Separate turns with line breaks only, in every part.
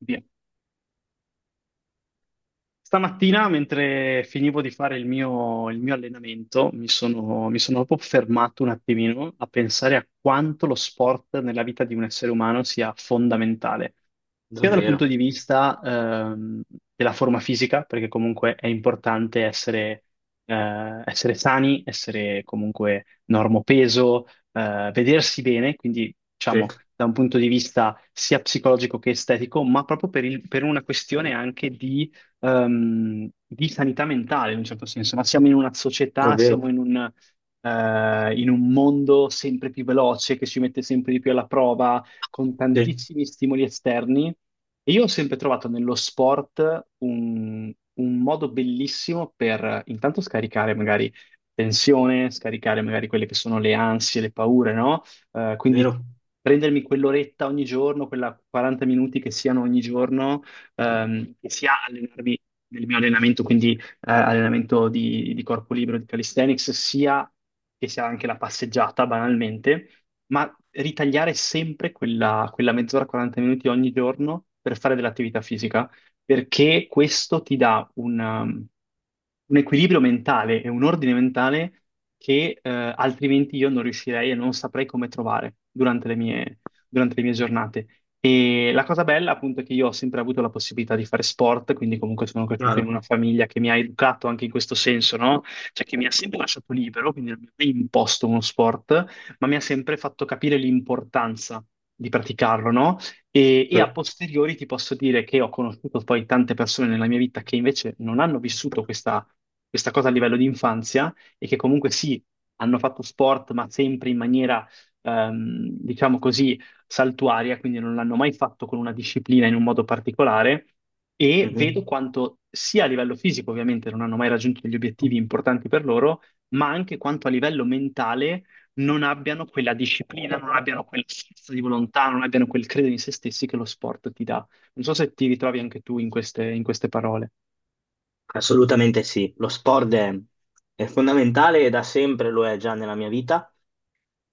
Via. Stamattina, mentre finivo di fare il mio allenamento, mi sono proprio fermato un attimino a pensare a quanto lo sport nella vita di un essere umano sia fondamentale, sia dal punto
Davvero?
di vista della forma fisica, perché comunque è importante essere, essere sani, essere comunque normopeso, vedersi bene, quindi
Sì.
diciamo da un punto di vista sia psicologico che estetico, ma proprio per una questione anche di sanità mentale in un certo senso. Ma siamo in una società,
Davvero?
in un mondo sempre più veloce che ci mette sempre di più alla prova con
Sì.
tantissimi stimoli esterni. E io ho sempre trovato nello sport un modo bellissimo per intanto scaricare magari tensione, scaricare magari quelle che sono le ansie, le paure, no? Quindi
Vero?
prendermi quell'oretta ogni giorno, quella 40 minuti che siano ogni giorno sia allenarmi nel mio allenamento, quindi allenamento di corpo libero, di calisthenics, sia che sia anche la passeggiata, banalmente, ma ritagliare sempre quella mezz'ora, 40 minuti ogni giorno per fare dell'attività fisica, perché questo ti dà un equilibrio mentale e un ordine mentale che altrimenti io non riuscirei e non saprei come trovare durante le mie giornate. E la cosa bella, appunto, è che io ho sempre avuto la possibilità di fare sport, quindi comunque sono cresciuto in
Chiaro?
una famiglia che mi ha educato anche in questo senso, no? Cioè che mi ha sempre lasciato libero, quindi non mi ha mai imposto uno sport, ma mi ha sempre fatto capire l'importanza di praticarlo, no? E a
Sì.
posteriori ti posso dire che ho conosciuto poi tante persone nella mia vita che invece non hanno vissuto questa cosa a livello di infanzia, e che comunque sì, hanno fatto sport, ma sempre in maniera diciamo così, saltuaria, quindi non l'hanno mai fatto con una disciplina in un modo particolare, e vedo
Mhm.
quanto sia a livello fisico, ovviamente non hanno mai raggiunto degli obiettivi importanti per loro, ma anche quanto a livello mentale non abbiano quella disciplina, non abbiano quella forza di volontà, non abbiano quel credere in se stessi che lo sport ti dà. Non so se ti ritrovi anche tu in in queste parole.
Assolutamente sì, lo sport è fondamentale e da sempre lo è già nella mia vita.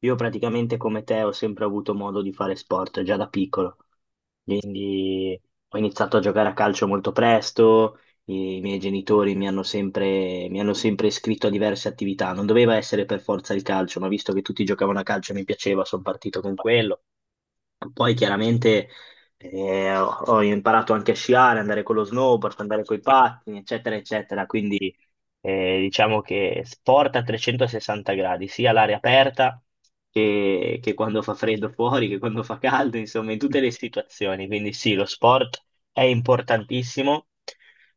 Io praticamente come te ho sempre avuto modo di fare sport già da piccolo, quindi ho iniziato a giocare a calcio molto presto, i miei genitori mi hanno sempre iscritto a diverse attività, non doveva essere per forza il calcio, ma visto che tutti giocavano a calcio e mi piaceva, sono partito con quello. Poi chiaramente ho imparato anche a sciare, andare con lo snowboard, andare con i pattini, eccetera, eccetera. Quindi diciamo che sport a 360 gradi, sia all'aria aperta che quando fa freddo fuori, che quando fa caldo, insomma, in tutte le situazioni. Quindi sì, lo sport è importantissimo.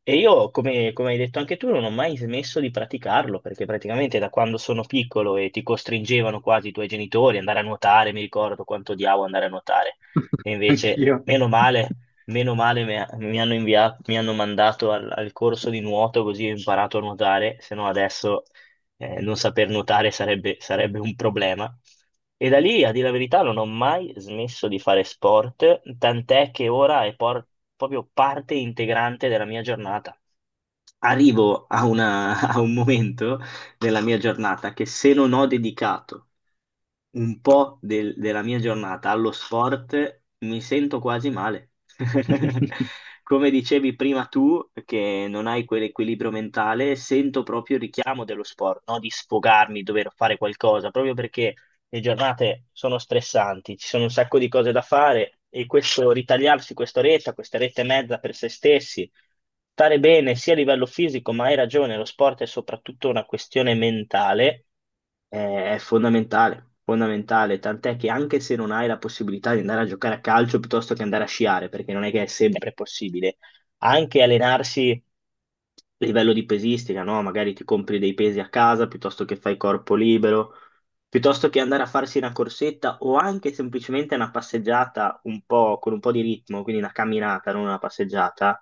E io, come, come hai detto anche tu, non ho mai smesso di praticarlo, perché praticamente da quando sono piccolo e ti costringevano quasi i tuoi genitori ad andare a nuotare, mi ricordo quanto odiavo andare a nuotare. E invece,
Anch'io.
meno male mi hanno mandato al corso di nuoto così ho imparato a nuotare, se no adesso non saper nuotare sarebbe, sarebbe un problema. E da lì, a dire la verità, non ho mai smesso di fare sport, tant'è che ora è proprio parte integrante della mia giornata. Arrivo a un momento della mia giornata che se non ho dedicato un po' della mia giornata allo sport, mi sento quasi male. Come dicevi prima tu, che non hai quell'equilibrio mentale, sento proprio il richiamo dello sport, no? Di sfogarmi, dover fare qualcosa, proprio perché le giornate sono stressanti, ci sono un sacco di cose da fare e questo ritagliarsi quest'oretta, quest'oretta e mezza per se stessi stare bene sia a livello fisico, ma hai ragione, lo sport è soprattutto una questione mentale, è fondamentale, fondamentale, tant'è che anche se non hai la possibilità di andare a giocare a calcio piuttosto che andare a sciare, perché non è che è sempre possibile, anche allenarsi a livello di pesistica, no? Magari ti compri dei pesi a casa piuttosto che fai corpo libero, piuttosto che andare a farsi una corsetta o anche semplicemente una passeggiata un po', con un po' di ritmo, quindi una camminata, non una passeggiata,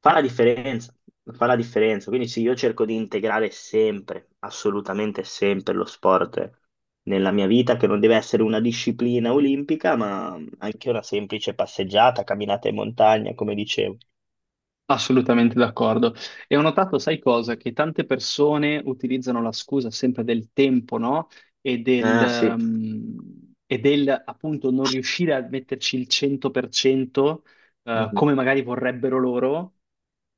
fa la differenza, fa la differenza. Quindi sì, io cerco di integrare sempre, assolutamente sempre lo sport nella mia vita, che non deve essere una disciplina olimpica, ma anche una semplice passeggiata, camminata in montagna, come dicevo.
Assolutamente d'accordo. E ho notato, sai cosa? Che tante persone utilizzano la scusa sempre del tempo, no?
Ah, sì.
E del appunto non riuscire a metterci il 100%,
Mhm.
come magari vorrebbero loro,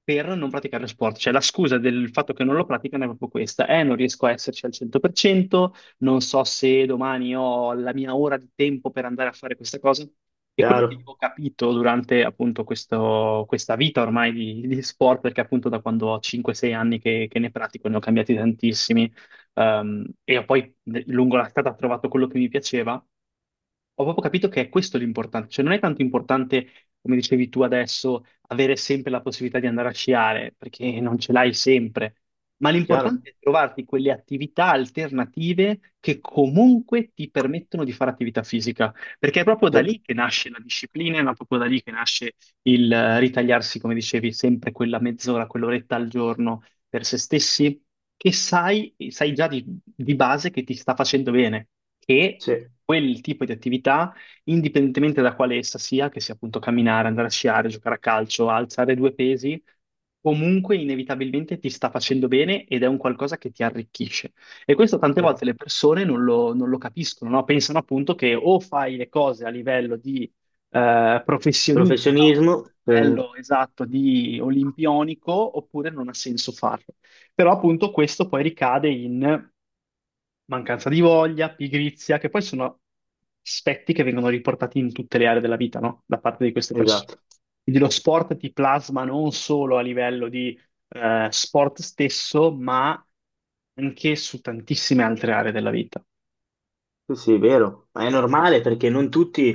per non praticare lo sport. Cioè la scusa del fatto che non lo praticano è proprio questa. Non riesco a esserci al 100%, non so se domani ho la mia ora di tempo per andare a fare questa cosa. E quello che io
Chiaro,
ho capito durante appunto questa vita ormai di sport, perché appunto da quando ho 5-6 anni che ne pratico, ne ho cambiati tantissimi, e ho poi lungo la strada ho trovato quello che mi piaceva, ho proprio capito che è questo l'importante. Cioè non è tanto importante, come dicevi tu adesso, avere sempre la possibilità di andare a sciare, perché non ce l'hai sempre, ma
chiaro,
l'importante è trovarti quelle attività alternative che comunque ti permettono di fare attività fisica, perché è proprio da
sì,
lì che nasce la disciplina, è proprio da lì che nasce il ritagliarsi, come dicevi, sempre quella mezz'ora, quell'oretta al giorno per se stessi, che sai, sai già di base che ti sta facendo bene, che
sì,
quel tipo di attività, indipendentemente da quale essa sia, che sia appunto camminare, andare a sciare, giocare a calcio, alzare due pesi, comunque inevitabilmente ti sta facendo bene ed è un qualcosa che ti arricchisce. E questo tante
sì.
volte le persone non lo capiscono, no? Pensano appunto che o fai le cose a livello di professionista, o
Professionismo,
a livello esatto di olimpionico, oppure non ha senso farlo. Però appunto questo poi ricade in mancanza di voglia, pigrizia, che poi sono aspetti che vengono riportati in tutte le aree della vita, no? Da parte di queste persone.
esatto.
Quindi lo sport ti plasma non solo a livello di sport stesso, ma anche su tantissime altre aree della vita.
Sì, sì, è vero, ma è normale perché non tutti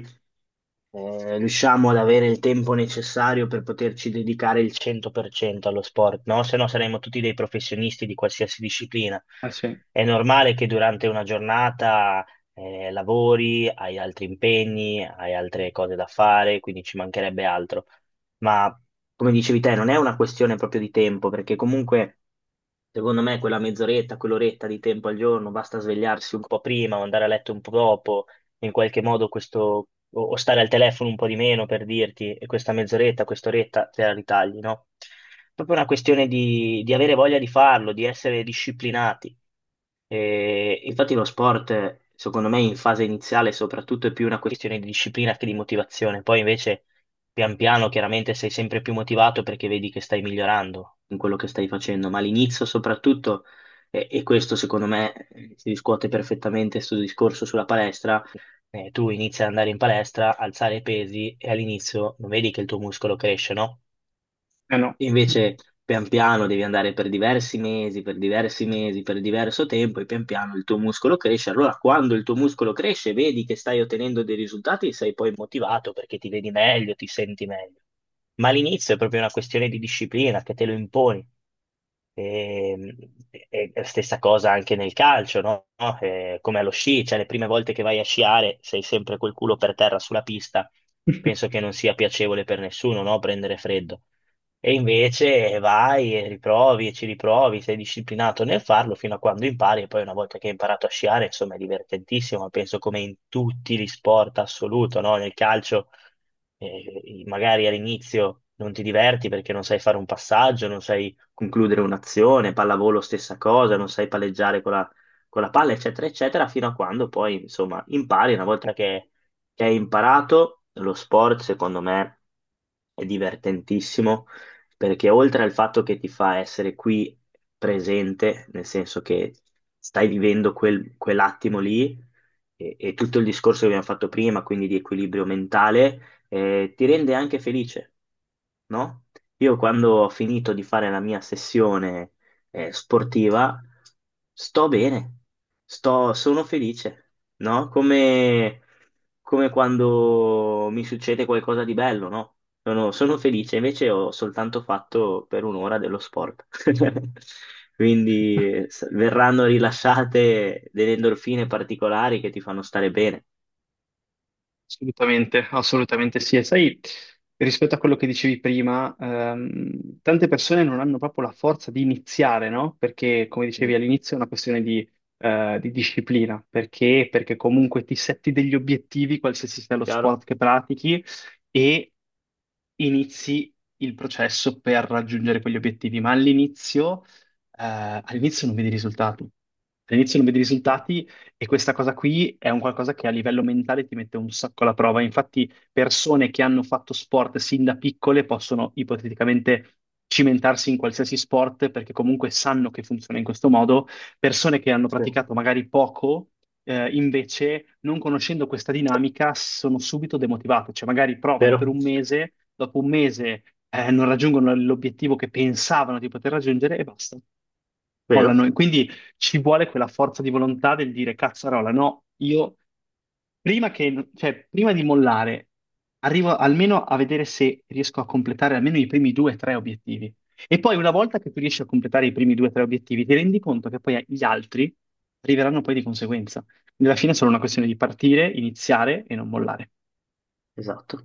riusciamo ad avere il tempo necessario per poterci dedicare il 100% allo sport, no? Se no saremmo tutti dei professionisti di qualsiasi disciplina.
Eh sì, eh
È normale che durante una giornata lavori, hai altri impegni, hai altre cose da fare, quindi ci mancherebbe altro. Ma come dicevi te, non è una questione proprio di tempo, perché comunque secondo me quella mezz'oretta, quell'oretta di tempo al giorno, basta svegliarsi un po' prima o andare a letto un po' dopo, in qualche modo questo, o stare al telefono un po' di meno per dirti, e questa mezz'oretta, quest'oretta te la ritagli, no? Proprio una questione di avere voglia di farlo, di essere disciplinati. E infatti lo sport, secondo me, in fase iniziale soprattutto è più una questione di disciplina che di motivazione. Poi invece pian piano chiaramente sei sempre più motivato perché vedi che stai migliorando in quello che stai facendo, ma all'inizio soprattutto, e questo secondo me si riscuote perfettamente sul discorso sulla palestra, tu inizi ad andare in palestra, alzare i pesi e all'inizio non vedi che il tuo muscolo cresce, no?
no.
Invece, pian piano devi andare per diversi mesi, per diversi mesi, per diverso tempo e pian piano il tuo muscolo cresce. Allora, quando il tuo muscolo cresce, vedi che stai ottenendo dei risultati, sei poi motivato perché ti vedi meglio, ti senti meglio. Ma all'inizio è proprio una questione di disciplina che te lo imponi. E, e stessa cosa anche nel calcio, no? No? Come allo sci, cioè le prime volte che vai a sciare sei sempre col culo per terra sulla pista, penso che non sia piacevole per nessuno, no? Prendere freddo. E invece vai e riprovi e ci riprovi, sei disciplinato nel farlo fino a quando impari e poi una volta che hai imparato a sciare, insomma, è divertentissimo, penso come in tutti gli sport assoluto, no? Nel calcio magari all'inizio non ti diverti perché non sai fare un passaggio, non sai concludere un'azione, pallavolo stessa cosa, non sai palleggiare con la, palla, eccetera, eccetera, fino a quando poi, insomma, impari. Una volta che hai imparato, lo sport, secondo me, è divertentissimo, perché oltre al fatto che ti fa essere qui presente, nel senso che stai vivendo quell'attimo lì, e tutto il discorso che abbiamo fatto prima, quindi di equilibrio mentale, ti rende anche felice, no? Io quando ho finito di fare la mia sessione sportiva, sto bene, sono felice, no? Come, come quando mi succede qualcosa di bello, no? Sono felice, invece ho soltanto fatto per un'ora dello sport. Quindi verranno rilasciate delle endorfine particolari che ti fanno stare bene.
Assolutamente, assolutamente sì. E sai, rispetto a quello che dicevi prima, tante persone non hanno proprio la forza di iniziare, no? Perché, come dicevi
Mm,
all'inizio, è una questione di disciplina. Perché? Perché comunque ti setti degli obiettivi, qualsiasi sia lo sport
chiaro?
che pratichi, e inizi il processo per raggiungere quegli obiettivi. Ma all'inizio, all'inizio non vedi risultati. All'inizio non vedi
Sì,
risultati, e questa cosa qui è un qualcosa che a livello mentale ti mette un sacco alla prova. Infatti, persone che hanno fatto sport sin da piccole possono ipoteticamente cimentarsi in qualsiasi sport, perché comunque sanno che funziona in questo modo. Persone che hanno
sì.
praticato magari poco, invece, non conoscendo questa dinamica, sono subito demotivate. Cioè, magari provano per
Vero?
un mese, dopo un mese, non raggiungono l'obiettivo che pensavano di poter raggiungere e basta, mollano.
Vero?
E quindi ci vuole quella forza di volontà del dire: cazzarola, no, io prima che, cioè, prima di mollare, arrivo almeno a vedere se riesco a completare almeno i primi due o tre obiettivi. E poi una volta che tu riesci a completare i primi due o tre obiettivi, ti rendi conto che poi gli altri arriveranno poi di conseguenza. Nella fine è solo una questione di partire, iniziare e non mollare.
Esatto.